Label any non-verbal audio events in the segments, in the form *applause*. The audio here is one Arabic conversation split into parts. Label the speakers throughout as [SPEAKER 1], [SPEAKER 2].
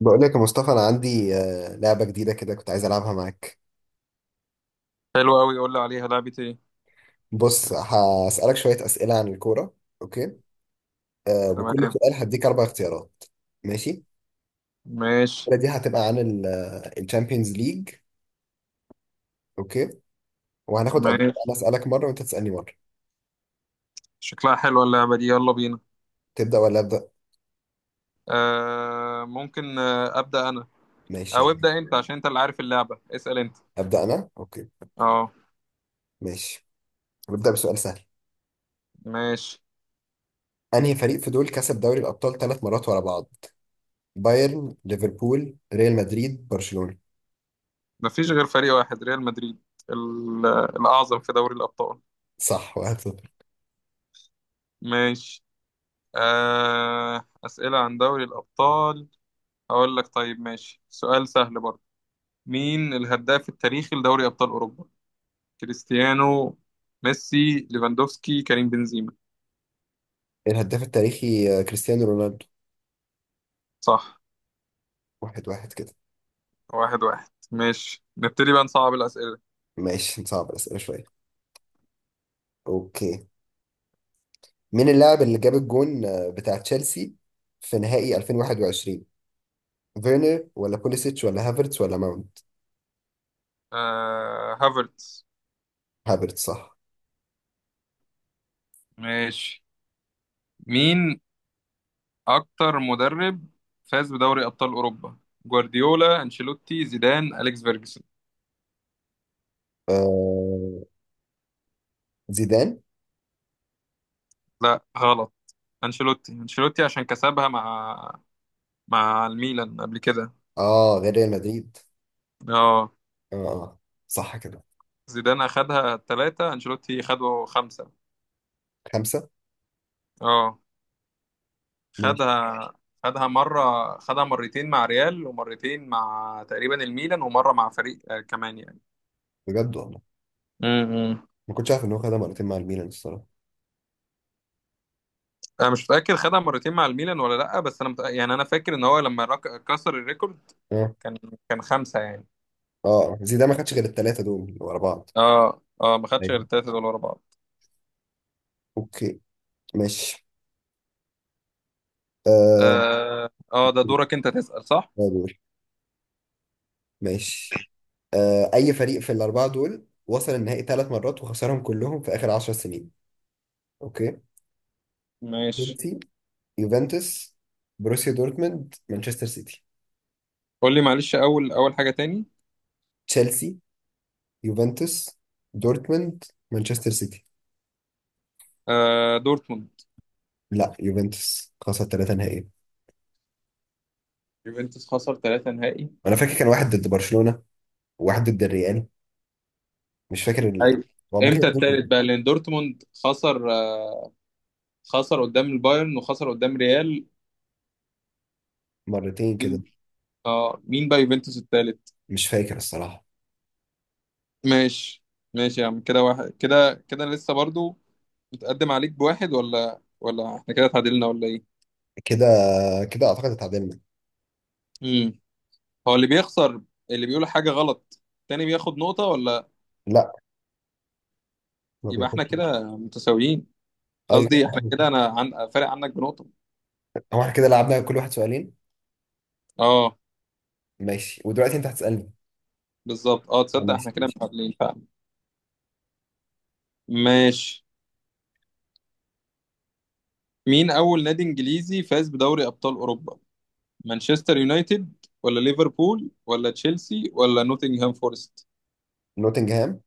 [SPEAKER 1] بقول لك يا مصطفى، انا عندي لعبه جديده كده كنت عايز العبها معاك.
[SPEAKER 2] حلو قوي، قول لي عليها لعبة ايه؟
[SPEAKER 1] بص هسالك شويه اسئله عن الكوره. اوكي.
[SPEAKER 2] تمام.
[SPEAKER 1] وكل سؤال هديك اربع اختيارات. ماشي.
[SPEAKER 2] ماشي
[SPEAKER 1] الاسئله دي هتبقى عن الشامبيونز ليج. اوكي. وهناخد ادوار.
[SPEAKER 2] ماشي.
[SPEAKER 1] انا اسالك مره وانت تسالني مره.
[SPEAKER 2] شكلها حلوة اللعبة دي، يلا بينا.
[SPEAKER 1] تبدا ولا ابدا؟
[SPEAKER 2] آه ممكن أبدأ أنا،
[SPEAKER 1] ماشي،
[SPEAKER 2] أو
[SPEAKER 1] يلا.
[SPEAKER 2] ابدأ أنت عشان أنت اللي عارف اللعبة، اسأل أنت.
[SPEAKER 1] ابدا انا، اوكي.
[SPEAKER 2] اه
[SPEAKER 1] ماشي. نبدا بسؤال سهل.
[SPEAKER 2] ماشي.
[SPEAKER 1] انهي فريق في دول كسب دوري الابطال ثلاث مرات ورا بعض؟ بايرن، ليفربول، ريال مدريد، برشلونه.
[SPEAKER 2] مفيش غير فريق واحد، ريال مدريد ال- الأعظم في دوري الأبطال.
[SPEAKER 1] صح، واحد صفر.
[SPEAKER 2] ماشي. آه، أسئلة عن دوري الأبطال. هقول لك طيب، ماشي سؤال سهل برضه. مين الهداف التاريخي لدوري أبطال أوروبا؟ كريستيانو، ميسي، ليفاندوفسكي، كريم بنزيما؟
[SPEAKER 1] الهداف التاريخي كريستيانو رونالدو.
[SPEAKER 2] صح،
[SPEAKER 1] واحد واحد كده.
[SPEAKER 2] واحد واحد. ماشي، نبتدي بقى نصعب الأسئلة.
[SPEAKER 1] ماشي نصعب الأسئلة شوية. أوكي. مين اللاعب اللي جاب الجون بتاع تشيلسي في نهائي 2021؟ فيرنر ولا بوليسيتش ولا هافرتس ولا ماونت.
[SPEAKER 2] آه، هافرتس.
[SPEAKER 1] هافرتس صح.
[SPEAKER 2] ماشي. مين أكتر مدرب فاز بدوري أبطال أوروبا؟ جوارديولا، أنشيلوتي، زيدان، أليكس فيرجسون؟
[SPEAKER 1] آه... زيدان.
[SPEAKER 2] لا غلط. أنشيلوتي، أنشيلوتي عشان كسبها مع الميلان قبل كده.
[SPEAKER 1] اه، غير ريال مدريد.
[SPEAKER 2] اه،
[SPEAKER 1] اه. آه. صح كده.
[SPEAKER 2] زيدان أخدها ثلاثة، أنشيلوتي خده خمسة.
[SPEAKER 1] خمسة.
[SPEAKER 2] اه،
[SPEAKER 1] ماشي.
[SPEAKER 2] خدها. خدها مرة، خدها مرتين مع ريال، ومرتين مع تقريبا الميلان، ومرة مع فريق كمان يعني.
[SPEAKER 1] بجد والله.
[SPEAKER 2] امم.
[SPEAKER 1] ما كنتش عارف ان هو خدها مرتين مع الميلان الصراحة.
[SPEAKER 2] انا مش فاكر خدها مرتين مع الميلان ولا لا، بس انا يعني انا فاكر ان هو لما كسر الريكورد
[SPEAKER 1] اه
[SPEAKER 2] كان كان خمسة يعني.
[SPEAKER 1] اه، زيدان ما خدش غير الثلاثة دول اللي ورا بعض.
[SPEAKER 2] اه اه، ما خدش غير
[SPEAKER 1] ايوه.
[SPEAKER 2] التلاتة دول ورا بعض.
[SPEAKER 1] اوكي. ماشي. آه...
[SPEAKER 2] اه اه، ده دورك انت تسأل صح.
[SPEAKER 1] دور. ماشي. اي فريق في الاربعه دول وصل النهائي ثلاث مرات وخسرهم كلهم في اخر 10 سنين؟ اوكي.
[SPEAKER 2] ماشي.
[SPEAKER 1] تشيلسي، يوفنتوس، بروسيا دورتموند، مانشستر سيتي.
[SPEAKER 2] قول لي معلش، اول حاجة تاني.
[SPEAKER 1] تشيلسي، يوفنتوس، دورتموند، مانشستر سيتي.
[SPEAKER 2] آه دورتموند.
[SPEAKER 1] لا، يوفنتوس خسر ثلاثه نهائي.
[SPEAKER 2] يوفنتوس خسر ثلاثة نهائي؟
[SPEAKER 1] انا فاكر كان واحد ضد برشلونه، وواحد ضد الريال. مش فاكر.
[SPEAKER 2] ايوه.
[SPEAKER 1] هو ممكن
[SPEAKER 2] امتى
[SPEAKER 1] اتنين.
[SPEAKER 2] التالت بقى؟ لان دورتموند خسر آه، خسر قدام البايرن وخسر قدام ريال.
[SPEAKER 1] مرتين كده.
[SPEAKER 2] مين- اه مين بقى يوفنتوس التالت؟
[SPEAKER 1] مش فاكر الصراحه.
[SPEAKER 2] ماشي. ماشي يا عم، كده واحد كده كده لسه برضو. متقدم عليك بواحد ولا ولا احنا كده اتعادلنا، ولا ايه؟
[SPEAKER 1] كده كده اعتقد اتعادلنا.
[SPEAKER 2] امم. هو اللي بيخسر، اللي بيقول حاجة غلط التاني بياخد نقطة ولا؟
[SPEAKER 1] لا، ما
[SPEAKER 2] يبقى احنا
[SPEAKER 1] بياخدش.
[SPEAKER 2] كده متساويين.
[SPEAKER 1] ايوه كده
[SPEAKER 2] قصدي احنا كده
[SPEAKER 1] اتعادلنا.
[SPEAKER 2] فارق عنك بنقطة.
[SPEAKER 1] هو احنا كده لعبنا كل واحد سؤالين.
[SPEAKER 2] اه
[SPEAKER 1] ماشي، ودلوقتي انت هتسالني.
[SPEAKER 2] بالظبط، اه تصدق
[SPEAKER 1] ماشي
[SPEAKER 2] احنا كده
[SPEAKER 1] ماشي.
[SPEAKER 2] متعادلين فعلا. ماشي. مين اول نادي انجليزي فاز بدوري ابطال اوروبا؟ مانشستر يونايتد، ولا ليفربول، ولا تشيلسي، ولا نوتنغهام فورست؟
[SPEAKER 1] نوتنجهام.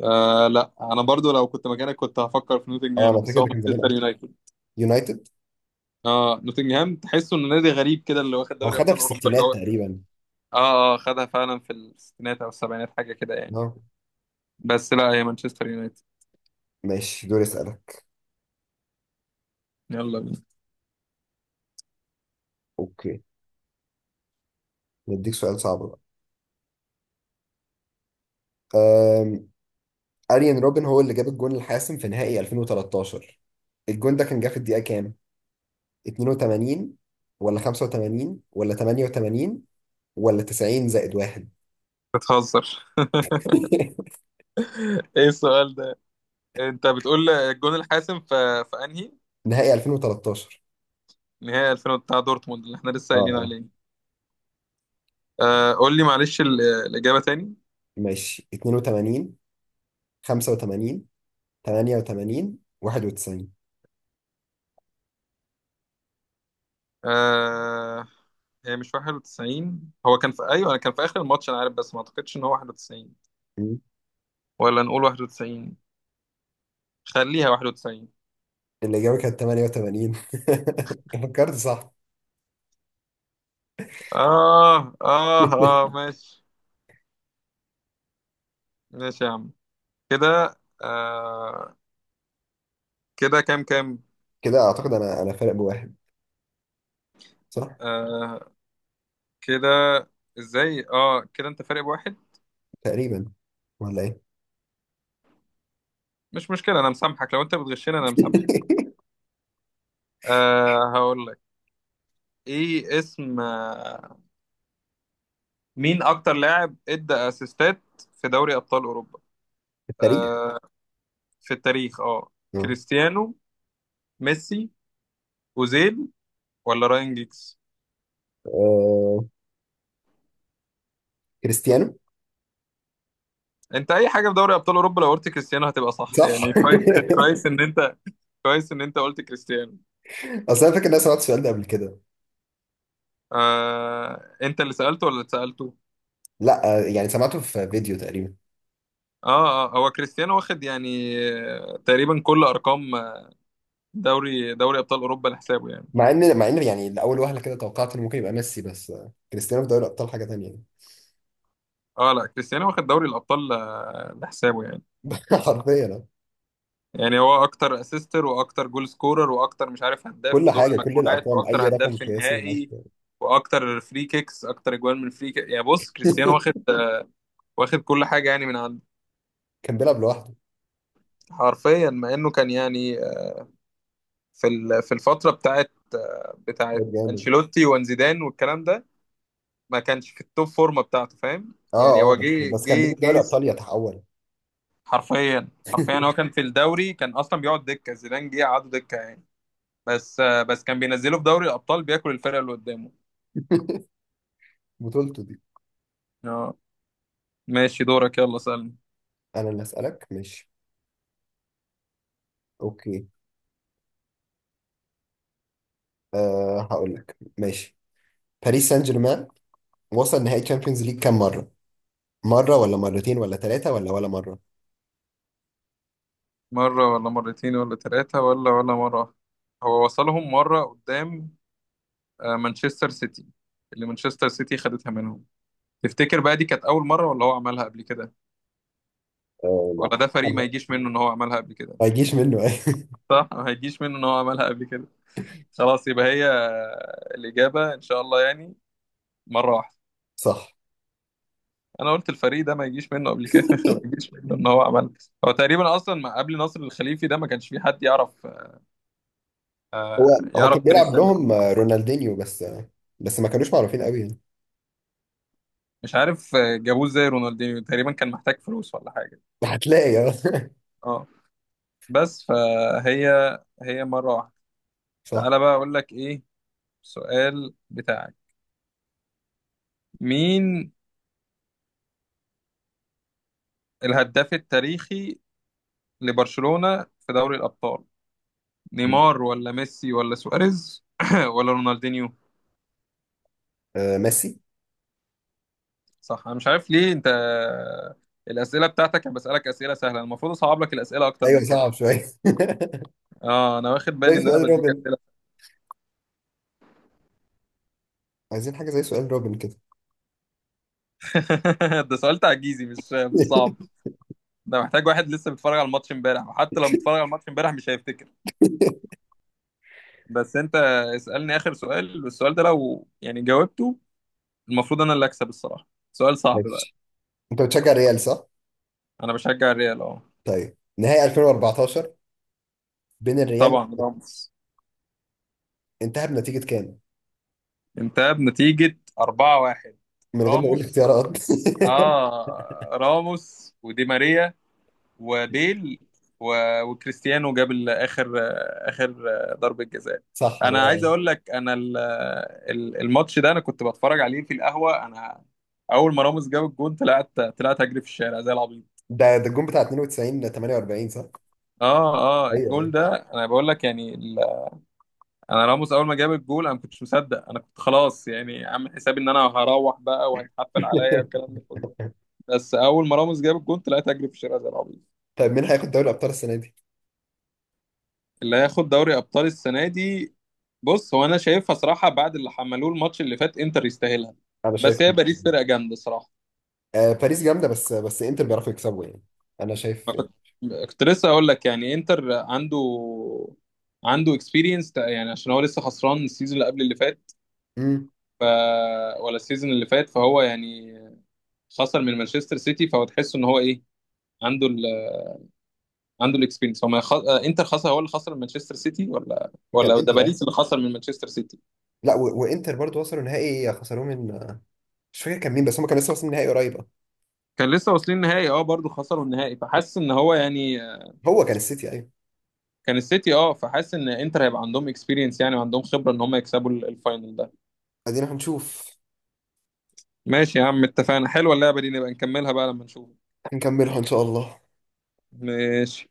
[SPEAKER 2] آه لا، انا برضو لو كنت مكانك كنت هفكر في
[SPEAKER 1] اه،
[SPEAKER 2] نوتنغهام،
[SPEAKER 1] انا
[SPEAKER 2] بس
[SPEAKER 1] فاكر
[SPEAKER 2] هو
[SPEAKER 1] ده كان زمان
[SPEAKER 2] مانشستر
[SPEAKER 1] قوي.
[SPEAKER 2] يونايتد.
[SPEAKER 1] يونايتد.
[SPEAKER 2] اه نوتنجهام تحسه انه نادي غريب كده اللي واخد
[SPEAKER 1] هو
[SPEAKER 2] دوري
[SPEAKER 1] خدها
[SPEAKER 2] ابطال
[SPEAKER 1] في
[SPEAKER 2] اوروبا، اللي
[SPEAKER 1] الستينات
[SPEAKER 2] هو
[SPEAKER 1] تقريبا.
[SPEAKER 2] اه اه خدها فعلا في الستينات او السبعينات حاجه كده يعني.
[SPEAKER 1] اه.
[SPEAKER 2] بس لا، هي مانشستر يونايتد.
[SPEAKER 1] ماشي دوري اسالك.
[SPEAKER 2] يلا بينا.
[SPEAKER 1] اوكي. نديك سؤال صعب بقى. أم... اريان روبن هو اللي جاب الجون الحاسم في نهائي 2013. الجون ده كان جه في الدقيقه كام؟ 82 ولا 85 ولا 88 ولا 90 زائد واحد.
[SPEAKER 2] بتهزر؟
[SPEAKER 1] *laughs*
[SPEAKER 2] *laughs* ايه السؤال ده؟ انت بتقول الجون الحاسم في انهي
[SPEAKER 1] نهائي 2013.
[SPEAKER 2] نهائي؟ 2000 بتاع دورتموند اللي احنا لسه
[SPEAKER 1] اه
[SPEAKER 2] قايلين
[SPEAKER 1] اه.
[SPEAKER 2] عليه. آه قول لي معلش الاجابه تاني.
[SPEAKER 1] ماشي. 82، 85، 88، 91.
[SPEAKER 2] آه، هي مش 91. هو كان في ايوه، كان في اخر الماتش انا عارف، بس ما اعتقدش ان هو 91. ولا نقول 91؟ خليها 91.
[SPEAKER 1] الإجابة كانت 88. *laughs* فكرت صح.
[SPEAKER 2] آه آه آه، ماشي. ماشي يا عم، كده آه، كده كام كام؟
[SPEAKER 1] كده أعتقد أنا فارق بواحد. صح.
[SPEAKER 2] آه كده، إزاي آه كده أنت فارق بواحد؟
[SPEAKER 1] تقريبا. ولا إيه؟
[SPEAKER 2] مش مشكلة، أنا مسامحك لو أنت بتغشني، أنا مسامحك. آه هقول لك. إيه اسم آه مين أكتر لاعب إدى أسيستات في دوري أبطال أوروبا؟
[SPEAKER 1] التاريخ.
[SPEAKER 2] آه في التاريخ، آه.
[SPEAKER 1] آه.
[SPEAKER 2] كريستيانو، ميسي، أوزيل، ولا راين جيكس؟
[SPEAKER 1] آه، كريستيانو.
[SPEAKER 2] أنت أي حاجة في دوري أبطال أوروبا لو قلت كريستيانو هتبقى صح
[SPEAKER 1] صح.
[SPEAKER 2] يعني، كويس.
[SPEAKER 1] *laughs*
[SPEAKER 2] كويس إن أنت كويس ان انت قلت كريستيانو.
[SPEAKER 1] أصل أنا فاكر إن أنا سمعت السؤال ده قبل كده.
[SPEAKER 2] آه، انت اللي سألته ولا اللي سألته؟
[SPEAKER 1] لا، يعني سمعته في فيديو تقريبا.
[SPEAKER 2] اه اه، هو كريستيانو واخد يعني آه، تقريبا كل ارقام دوري ابطال اوروبا لحسابه يعني.
[SPEAKER 1] مع إن يعني لأول وهلة كده توقعت إنه ممكن يبقى ميسي، بس كريستيانو في دوري الأبطال حاجة تانية يعني.
[SPEAKER 2] اه لا، كريستيانو واخد دوري الابطال لحسابه يعني.
[SPEAKER 1] *laughs* حرفيا آه.
[SPEAKER 2] يعني هو اكتر اسيستر، واكتر جول سكورر، واكتر مش عارف، هداف
[SPEAKER 1] كل
[SPEAKER 2] في دور
[SPEAKER 1] حاجة، كل
[SPEAKER 2] المجموعات،
[SPEAKER 1] الأرقام، أي
[SPEAKER 2] واكتر هداف
[SPEAKER 1] رقم
[SPEAKER 2] في
[SPEAKER 1] قياسي هناك.
[SPEAKER 2] النهائي، واكتر فري كيكس، اكتر اجوال من فري كيك. يعني بص، كريستيانو واخد،
[SPEAKER 1] *laughs*
[SPEAKER 2] واخد كل حاجه يعني من عنده.
[SPEAKER 1] كان بيلعب لوحده.
[SPEAKER 2] حرفيا، مع انه كان يعني في الفتره بتاعت
[SPEAKER 1] كان جامد.
[SPEAKER 2] انشيلوتي وانزيدان والكلام ده، ما كانش في التوب فورمه بتاعته. فاهم يعني،
[SPEAKER 1] اه اه،
[SPEAKER 2] هو
[SPEAKER 1] بس
[SPEAKER 2] جه
[SPEAKER 1] بس كان
[SPEAKER 2] جه
[SPEAKER 1] بيجيب دوري
[SPEAKER 2] جه
[SPEAKER 1] ابطال يتحول.
[SPEAKER 2] حرفيا حرفيا، هو كان في الدوري كان اصلا بيقعد دكه، زيدان جه قعده دكه يعني. بس بس، كان بينزله في دوري الابطال بياكل الفرقه اللي قدامه.
[SPEAKER 1] بطولته دي.
[SPEAKER 2] اه. ماشي، دورك يلا سألني.
[SPEAKER 1] انا اللي اسالك، ماشي. اوكي. أه هقول لك، ماشي. باريس سان جيرمان وصل نهائي تشامبيونز ليج كام مره؟ مره ولا مرتين ولا ثلاثه ولا مره.
[SPEAKER 2] مره، ولا مرتين، ولا ثلاثه، ولا ولا مره واحدة. هو وصلهم مره قدام آه، مانشستر سيتي، اللي مانشستر سيتي خدتها منهم. تفتكر بقى دي كانت اول مره، ولا هو عملها قبل كده؟
[SPEAKER 1] أه ما
[SPEAKER 2] ولا ده فريق ما يجيش
[SPEAKER 1] أعتقدش.
[SPEAKER 2] منه ان هو عملها قبل كده.
[SPEAKER 1] ما يجيش منه ايه؟
[SPEAKER 2] صح، ما هيجيش منه ان هو عملها قبل كده. خلاص، يبقى هي الاجابه ان شاء الله يعني، مره واحده.
[SPEAKER 1] *laughs* صح.
[SPEAKER 2] انا قلت الفريق ده ما يجيش منه قبل كده. *laughs* ما يجيش منه ان هو عملها. هو تقريبا اصلا ما قبل نصر الخليفي ده، ما كانش في حد يعرف
[SPEAKER 1] هو
[SPEAKER 2] آه،
[SPEAKER 1] هو كان
[SPEAKER 2] يعرف
[SPEAKER 1] بيلعب
[SPEAKER 2] باريس سان
[SPEAKER 1] لهم
[SPEAKER 2] جيرمان.
[SPEAKER 1] رونالدينيو، بس بس ما كانوش معروفين قوي يعني.
[SPEAKER 2] مش عارف آه، جابوه ازاي رونالدينيو، تقريبا كان محتاج فلوس ولا حاجه.
[SPEAKER 1] هتلاقي آه. *laughs*
[SPEAKER 2] اه، بس فهي، هي مره واحده.
[SPEAKER 1] صح.
[SPEAKER 2] تعالى بقى اقول لك ايه السؤال بتاعك. مين الهداف التاريخي لبرشلونة في دوري الأبطال؟ نيمار، ولا ميسي، ولا سواريز، *clears throat* ولا رونالدينيو؟
[SPEAKER 1] أه ميسي.
[SPEAKER 2] صح. أنا مش عارف ليه أنت، الأسئلة بتاعتك أنا بسألك أسئلة سهلة، المفروض أصعب لك الأسئلة أكتر
[SPEAKER 1] ايوه
[SPEAKER 2] من كده.
[SPEAKER 1] صعب شويه. *laughs*
[SPEAKER 2] أه أنا واخد
[SPEAKER 1] زي
[SPEAKER 2] بالي إن أنا
[SPEAKER 1] سؤال
[SPEAKER 2] بديك
[SPEAKER 1] روبن.
[SPEAKER 2] أسئلة.
[SPEAKER 1] عايزين حاجه زي سؤال روبن كده.
[SPEAKER 2] *laughs* ده سؤال تعجيزي، مش صعب.
[SPEAKER 1] *laughs*
[SPEAKER 2] ده محتاج واحد لسه بيتفرج على الماتش امبارح، وحتى لو متفرج على الماتش امبارح مش هيفتكر. بس أنت، اسألني آخر سؤال، والسؤال ده لو يعني جاوبته المفروض أنا اللي أكسب الصراحة. سؤال صعب بقى.
[SPEAKER 1] ماشي. انت بتشجع ريال صح؟
[SPEAKER 2] أنا بشجع الريال أه.
[SPEAKER 1] طيب نهائي 2014 بين الريال،
[SPEAKER 2] طبعا راموس.
[SPEAKER 1] انتهى بنتيجة كام؟
[SPEAKER 2] انتهى بنتيجة 4-1.
[SPEAKER 1] من غير ما اقول
[SPEAKER 2] راموس،
[SPEAKER 1] اختيارات.
[SPEAKER 2] اه راموس، ودي ماريا، وبيل، و... وكريستيانو جاب اخر، اخر ضربة جزاء.
[SPEAKER 1] *laughs* صح،
[SPEAKER 2] انا عايز
[SPEAKER 1] 4.
[SPEAKER 2] اقول لك انا الماتش ده انا كنت بتفرج عليه في القهوة. انا اول ما راموس جاب الجون، طلعت اجري في الشارع زي العبيط.
[SPEAKER 1] ده الجون بتاع 92 ل 48 صح؟
[SPEAKER 2] اه اه،
[SPEAKER 1] ايوه
[SPEAKER 2] الجول
[SPEAKER 1] ايوه.
[SPEAKER 2] ده انا بقول لك يعني انا راموس اول ما جاب الجول انا ما كنتش مصدق. انا كنت خلاص يعني عامل حسابي ان انا هروح بقى وهيتحفل عليا
[SPEAKER 1] *laughs*
[SPEAKER 2] والكلام ده كله. بس اول ما راموس جاب الجون طلعت اجري في الشارع زي العبيط.
[SPEAKER 1] طيب مين هياخد دوري الابطال السنة دي؟
[SPEAKER 2] اللي هياخد دوري ابطال السنه دي، بص هو انا شايفها صراحه، بعد اللي حملوه الماتش اللي فات انتر يستاهلها.
[SPEAKER 1] انا شايف.
[SPEAKER 2] بس هي باريس فرقه جامده صراحه.
[SPEAKER 1] آه باريس جامدة، بس انتر بيعرفوا يكسبوا يعني. انا شايف.
[SPEAKER 2] ما كنت كنت لسه اقول لك يعني انتر عنده اكسبيرينس يعني، عشان هو لسه خسران السيزون اللي قبل اللي فات.
[SPEAKER 1] امم.
[SPEAKER 2] ف... ولا السيزون اللي فات، فهو يعني خسر من مانشستر سيتي، فهو تحس ان هو ايه، عنده ال... عنده الاكسبيرينس. هو ما خ... آه، انتر خسر، هو اللي خسر من مانشستر سيتي، ولا
[SPEAKER 1] كان
[SPEAKER 2] ده
[SPEAKER 1] انتر اه.
[SPEAKER 2] باريس اللي خسر من مانشستر سيتي.
[SPEAKER 1] لا وانتر برضو وصلوا نهائي خسروه من. مش فاكر كان مين، بس هم كانوا لسه واصلين نهائي قريب اه.
[SPEAKER 2] كان لسه واصلين النهائي اه، برضه خسروا النهائي، فحاسس ان هو يعني،
[SPEAKER 1] هو كان السيتي ايوه.
[SPEAKER 2] كان السيتي اه، فحاسس ان انتر هيبقى عندهم اكسبيرينس يعني، وعندهم خبره ان هم يكسبوا الفاينل ده.
[SPEAKER 1] ادينا هنشوف.
[SPEAKER 2] ماشي يا عم اتفقنا، حلوه اللعبه دي، نبقى نكملها بقى لما نشوف.
[SPEAKER 1] هنكملها ان شاء الله.
[SPEAKER 2] ماشي.